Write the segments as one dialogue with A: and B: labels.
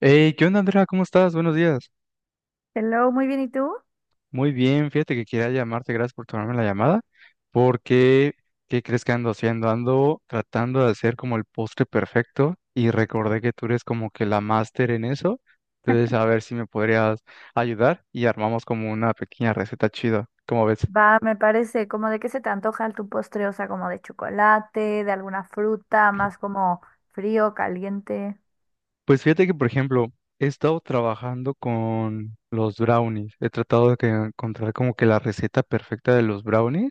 A: Hey, ¿qué onda, Andrea? ¿Cómo estás? Buenos días.
B: Hello, muy bien, ¿y tú?
A: Muy bien, fíjate que quería llamarte, gracias por tomarme la llamada, porque ¿qué crees que ando haciendo? Ando tratando de hacer como el postre perfecto y recordé que tú eres como que la máster en eso, entonces a ver si me podrías ayudar y armamos como una pequeña receta chida. ¿Cómo ves?
B: Va, me parece, como de qué se te antoja tu postre, o sea, como de chocolate, de alguna fruta, más como frío, caliente.
A: Pues fíjate que, por ejemplo, he estado trabajando con los brownies. He tratado de encontrar como que la receta perfecta de los brownies.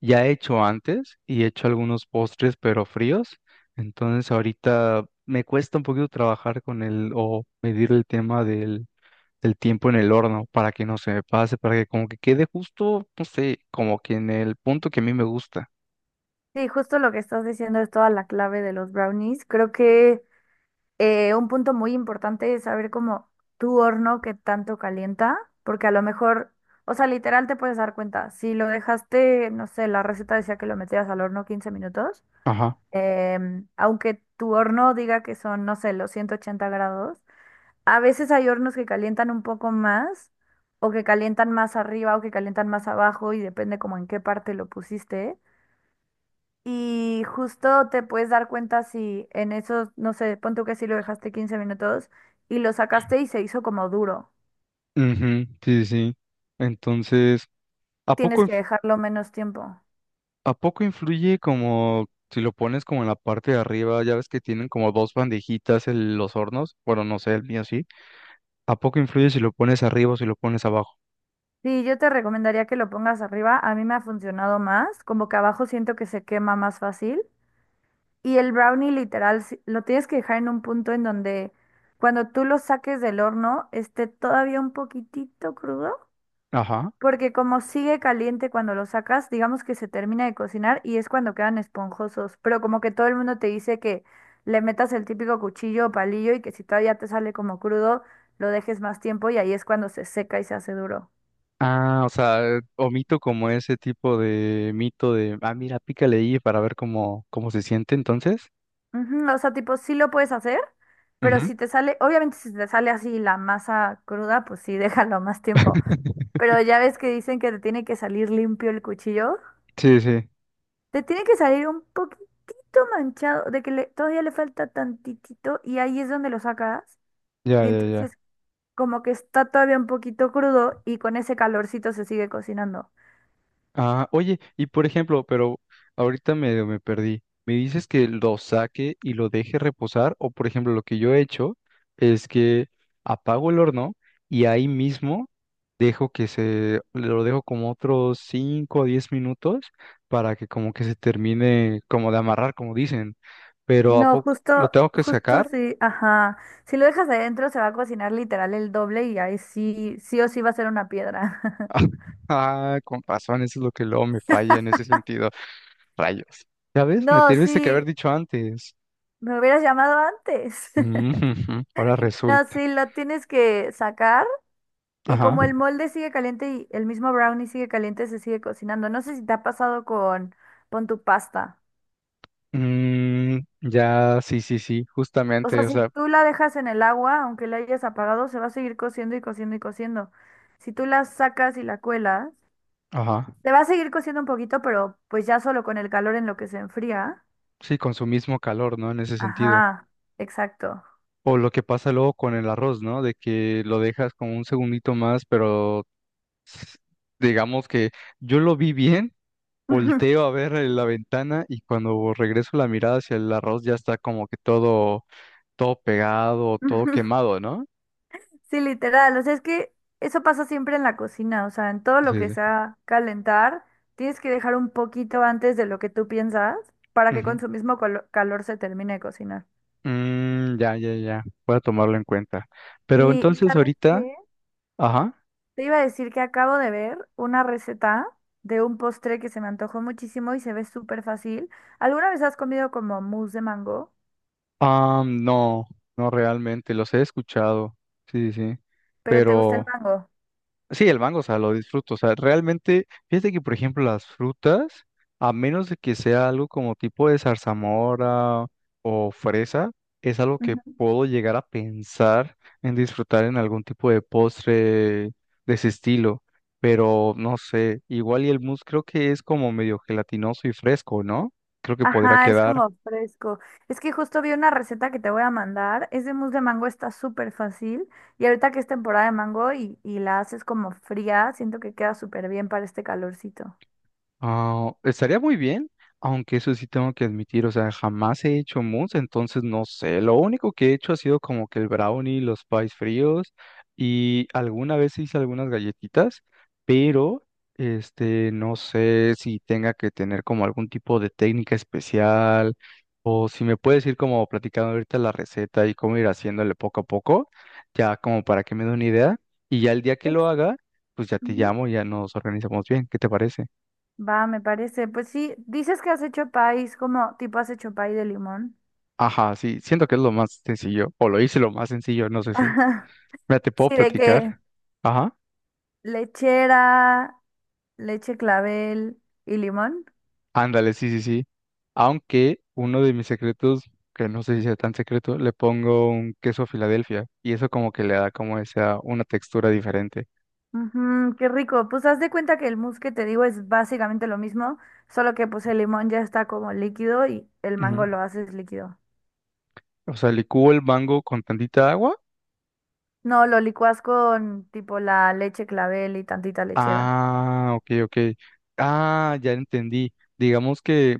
A: Ya he hecho antes y he hecho algunos postres, pero fríos. Entonces ahorita me cuesta un poquito trabajar con el o medir el tema del tiempo en el horno para que no se me pase, para que como que quede justo, no sé, como que en el punto que a mí me gusta.
B: Sí, justo lo que estás diciendo es toda la clave de los brownies. Creo que un punto muy importante es saber cómo tu horno que tanto calienta, porque a lo mejor, o sea, literal te puedes dar cuenta, si lo dejaste, no sé, la receta decía que lo metías al horno 15 minutos,
A: Ajá.
B: aunque tu horno diga que son, no sé, los 180 grados. A veces hay hornos que calientan un poco más, o que calientan más arriba, o que calientan más abajo, y depende como en qué parte lo pusiste. Y justo te puedes dar cuenta si en esos, no sé, pon tú que si lo dejaste 15 minutos y lo sacaste y se hizo como duro.
A: Ujú, sí, sí. Entonces, ¿a
B: Tienes
A: poco?
B: que dejarlo menos tiempo.
A: ¿A poco influye como si lo pones como en la parte de arriba? Ya ves que tienen como dos bandejitas los hornos. Bueno, no sé, el mío sí. ¿A poco influye si lo pones arriba o si lo pones abajo?
B: Sí, yo te recomendaría que lo pongas arriba. A mí me ha funcionado más, como que abajo siento que se quema más fácil. Y el brownie literal lo tienes que dejar en un punto en donde cuando tú lo saques del horno esté todavía un poquitito crudo,
A: Ajá.
B: porque como sigue caliente cuando lo sacas, digamos que se termina de cocinar y es cuando quedan esponjosos, pero como que todo el mundo te dice que le metas el típico cuchillo o palillo y que si todavía te sale como crudo, lo dejes más tiempo y ahí es cuando se seca y se hace duro.
A: Ah, o sea, omito como ese tipo de mito de, ah, mira, pícale ahí para ver cómo se siente entonces.
B: Ujú, o sea, tipo, sí lo puedes hacer, pero
A: Ujú.
B: si te sale, obviamente si te sale así la masa cruda, pues sí, déjalo más tiempo. Pero ya ves que dicen que te tiene que salir limpio el cuchillo.
A: Sí, sí,
B: Te tiene que salir un poquitito manchado, de que todavía le falta tantitito y ahí es donde lo sacas.
A: ya,
B: Y
A: ya,
B: entonces
A: ya.
B: como que está todavía un poquito crudo y con ese calorcito se sigue cocinando.
A: Ah, oye, y por ejemplo, pero ahorita medio me perdí. ¿Me dices que lo saque y lo deje reposar? O por ejemplo, lo que yo he hecho es que apago el horno y ahí mismo dejo que lo dejo como otros 5 o 10 minutos para que como que se termine como de amarrar, como dicen. Pero ¿a
B: No,
A: poco lo
B: justo,
A: tengo que
B: justo
A: sacar?
B: si, ajá, si lo dejas adentro se va a cocinar literal el doble y ahí sí, sí o sí va a ser una piedra.
A: Ah, con razón, eso es lo que luego me falla en ese sentido. Rayos. ¿Sabes? Me
B: No,
A: tuviste que haber
B: sí,
A: dicho antes.
B: me hubieras llamado antes.
A: Ujú, ahora
B: No,
A: resulta.
B: sí, lo tienes que sacar. Y
A: Ajá.
B: como el molde sigue caliente y el mismo brownie sigue caliente, se sigue cocinando. No sé si te ha pasado con tu pasta.
A: Mm, ya, sí, sí, sí,
B: O sea,
A: justamente, o
B: si
A: sea,
B: tú la dejas en el agua, aunque la hayas apagado, se va a seguir cociendo y cociendo y cociendo. Si tú la sacas y la cuelas,
A: ajá.
B: se va a seguir cociendo un poquito, pero pues ya solo con el calor en lo que se enfría.
A: Sí, con su mismo calor, ¿no? En ese sentido.
B: Ajá, exacto.
A: O lo que pasa luego con el arroz, ¿no? De que lo dejas como un segundito más, pero digamos que yo lo vi bien, volteo a ver en la ventana y cuando regreso la mirada hacia el arroz ya está como que todo pegado, todo quemado, ¿no?
B: Sí, literal. O sea, es que eso pasa siempre en la cocina. O sea, en todo lo
A: Sí,
B: que
A: sí.
B: sea calentar, tienes que dejar un poquito antes de lo que tú piensas para que
A: Ujú.
B: con su mismo calor se termine de cocinar.
A: Mm, ya, ya, ya. Voy a tomarlo en cuenta. Pero
B: Sí, ¿y
A: entonces
B: sabes
A: ahorita
B: qué?
A: ajá.
B: Te iba a decir que acabo de ver una receta de un postre que se me antojó muchísimo y se ve súper fácil. ¿Alguna vez has comido como mousse de mango?
A: Ah, no, no realmente, los he escuchado. Sí, sí, sí.
B: ¿Pero te gusta el
A: Pero
B: mango?
A: sí, el mango, o sea, lo disfruto. O sea, realmente, fíjate que, por ejemplo, las frutas, a menos de que sea algo como tipo de zarzamora o fresa, es algo que puedo llegar a pensar en disfrutar en algún tipo de postre de ese estilo. Pero no sé, igual y el mousse creo que es como medio gelatinoso y fresco, ¿no? Creo que podría
B: Ajá, es
A: quedar.
B: como fresco. Es que justo vi una receta que te voy a mandar. Es de mousse de mango, está súper fácil. Y ahorita que es temporada de mango y la haces como fría, siento que queda súper bien para este calorcito.
A: Ah, estaría muy bien, aunque eso sí tengo que admitir, o sea, jamás he hecho mousse, entonces no sé, lo único que he hecho ha sido como que el brownie, los pies fríos y alguna vez hice algunas galletitas, pero no sé si tenga que tener como algún tipo de técnica especial o si me puedes ir como platicando ahorita la receta y cómo ir haciéndole poco a poco, ya como para que me dé una idea y ya el día que lo
B: Es-
A: haga, pues ya te
B: Ujú.
A: llamo, ya nos organizamos bien, ¿qué te parece?
B: Va, me parece. Pues sí, dices que has hecho país, como tipo has hecho pay de limón.
A: Ajá, sí, siento que es lo más sencillo, o lo hice lo más sencillo, no sé si. Mira, te puedo
B: Sí, de que
A: platicar. Ajá,
B: lechera, leche clavel y limón.
A: ándale, sí, sí, sí. Aunque uno de mis secretos, que no sé si sea tan secreto, le pongo un queso Filadelfia y eso como que le da como esa, una textura diferente.
B: Ujú, qué rico. Pues haz de cuenta que el mousse que te digo es básicamente lo mismo, solo que pues el limón ya está como líquido y el mango
A: Ujú.
B: lo haces líquido.
A: O sea, licúo el mango con tantita agua.
B: No, lo licuas con tipo la leche clavel y tantita lechera.
A: Ah, ok, ok. Ah, ya entendí. Digamos que,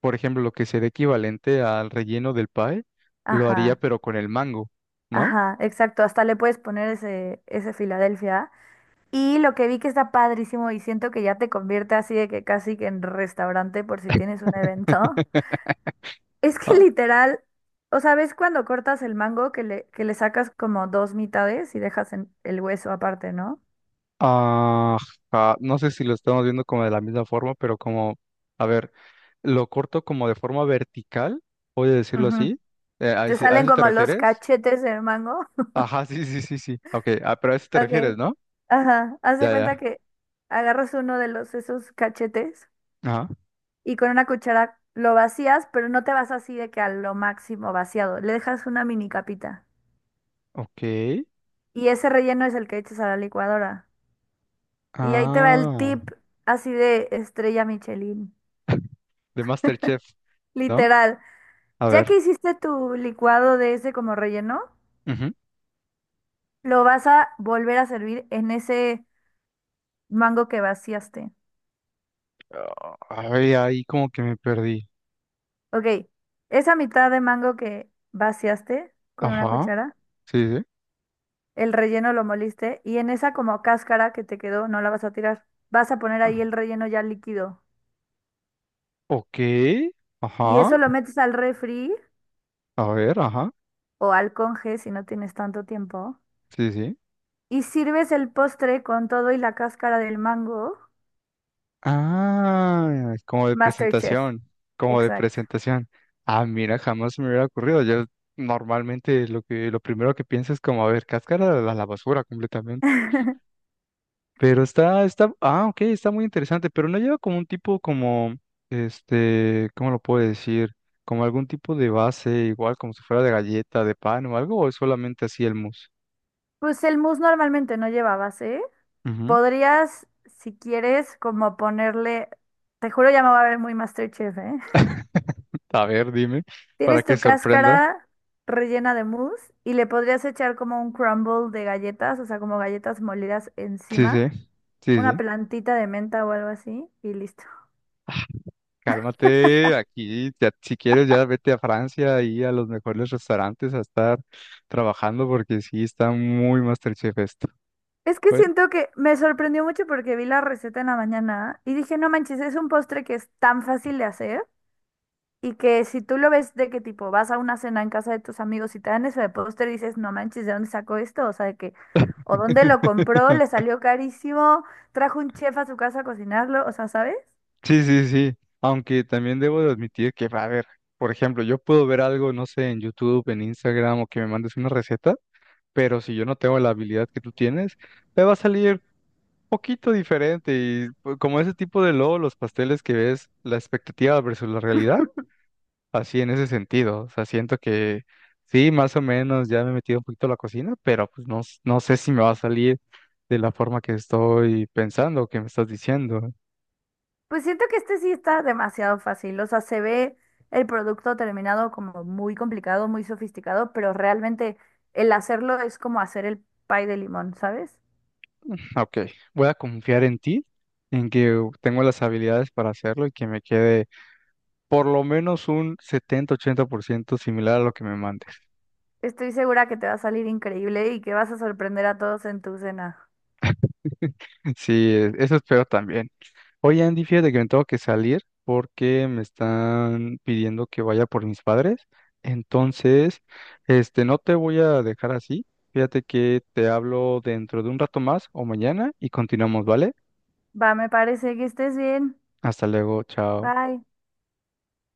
A: por ejemplo, lo que sería equivalente al relleno del pie, lo haría
B: Ajá,
A: pero con el mango, ¿no?
B: ajá, exacto. Hasta le puedes poner ese Filadelfia. Y lo que vi que está padrísimo y siento que ya te convierte así de que casi que en restaurante por si tienes un evento. Es que
A: Ah,
B: literal, o sea, ¿ves cuando cortas el mango que le sacas como dos mitades y dejas el hueso aparte, ¿no?
A: ajá, no sé si lo estamos viendo como de la misma forma, pero como, a ver, lo corto como de forma vertical, voy a decirlo
B: Ujú.
A: así. ¿A,
B: Te
A: ese- a
B: salen
A: eso te
B: como los
A: refieres?
B: cachetes del mango.
A: Ajá, sí, sí, sí, sí. Ok, ah, pero a eso te refieres,
B: Ok.
A: ¿no?
B: Ajá. Haz de
A: Ya,
B: cuenta
A: ya.
B: que agarras uno de los esos cachetes
A: Ajá,
B: y con una cuchara lo vacías, pero no te vas así de que a lo máximo vaciado. Le dejas una mini capita.
A: ok.
B: Y ese relleno es el que echas a la licuadora. Y ahí te va el
A: Ah,
B: tip así de estrella Michelin.
A: de MasterChef, ¿no?
B: Literal.
A: A
B: Ya que
A: ver.
B: hiciste tu licuado de ese como relleno,
A: Ujú.
B: lo vas a volver a servir en ese mango que vaciaste.
A: Ah, ay, ahí como que me perdí.
B: Ok, esa mitad de mango que vaciaste con una
A: Ajá,
B: cuchara,
A: sí, sí.
B: el relleno lo moliste y en esa como cáscara que te quedó no la vas a tirar. Vas a poner ahí
A: Ah,
B: el relleno ya líquido.
A: ok,
B: Y
A: ajá,
B: eso lo metes al refri
A: a ver, ajá,
B: o al conge si no tienes tanto tiempo.
A: sí, sí.
B: Y sirves el postre con todo y la cáscara del mango.
A: Ah, como de
B: MasterChef,
A: como de
B: exacto.
A: presentación. Ah, mira, jamás me hubiera ocurrido. Yo normalmente lo lo primero que pienso es como, a ver, cáscara a la basura completamente. Pero está, ah, ok, está muy interesante, pero no lleva como un tipo como, este, ¿cómo lo puedo decir? Como algún tipo de base, igual como si fuera de galleta, de pan o algo, o es solamente así el mousse.
B: Pues el mousse normalmente no lleva base.
A: Ujú.
B: Podrías, si quieres, como ponerle, te juro ya me va a ver muy MasterChef, ¿eh?
A: A ver, dime, para
B: Tienes
A: que
B: tu
A: sorprenda.
B: cáscara rellena de mousse y le podrías echar como un crumble de galletas, o sea, como galletas molidas
A: Sí, sí,
B: encima,
A: sí,
B: una
A: sí.
B: plantita de menta o algo así y listo.
A: Cálmate, aquí, ya, si quieres, ya vete a Francia, y a los mejores restaurantes a estar trabajando, porque sí está muy MasterChef esto.
B: Es que
A: Bueno,
B: siento que me sorprendió mucho porque vi la receta en la mañana y dije, no manches, es un postre que es tan fácil de hacer. Y que si tú lo ves de que tipo vas a una cena en casa de tus amigos y te dan eso de póster y dices, no manches, ¿de dónde sacó esto? O sea, de que, o dónde lo compró, le salió carísimo, trajo un chef a su casa a cocinarlo, o sea, ¿sabes?
A: sí, sí, sí. Aunque también debo de admitir que, a ver, por ejemplo, yo puedo ver algo, no sé, en YouTube, en Instagram, o que me mandes una receta, pero si yo no tengo la habilidad que tú tienes, me va a salir poquito diferente. Y pues, como ese tipo de logo, los pasteles que ves, la expectativa versus la realidad. Así en ese sentido. O sea, siento que sí, más o menos ya me he metido un poquito a la cocina, pero pues no, no sé si me va a salir de la forma que estoy pensando, o que me estás diciendo.
B: Pues siento que este sí está demasiado fácil, o sea, se ve el producto terminado como muy complicado, muy sofisticado, pero realmente el hacerlo es como hacer el pie de limón, ¿sabes?
A: Ok, voy a confiar en ti, en que tengo las habilidades para hacerlo y que me quede por lo menos un 70-80% similar a lo que me mandes.
B: Estoy segura que te va a salir increíble y que vas a sorprender a todos en tu cena.
A: Sí, eso espero también. Oye, Andy, fíjate que me tengo que salir porque me están pidiendo que vaya por mis padres. Entonces, este, no te voy a dejar así. Fíjate que te hablo dentro de un rato más o mañana y continuamos, ¿vale?
B: Va, me parece que estés bien.
A: Hasta luego, chao.
B: Bye.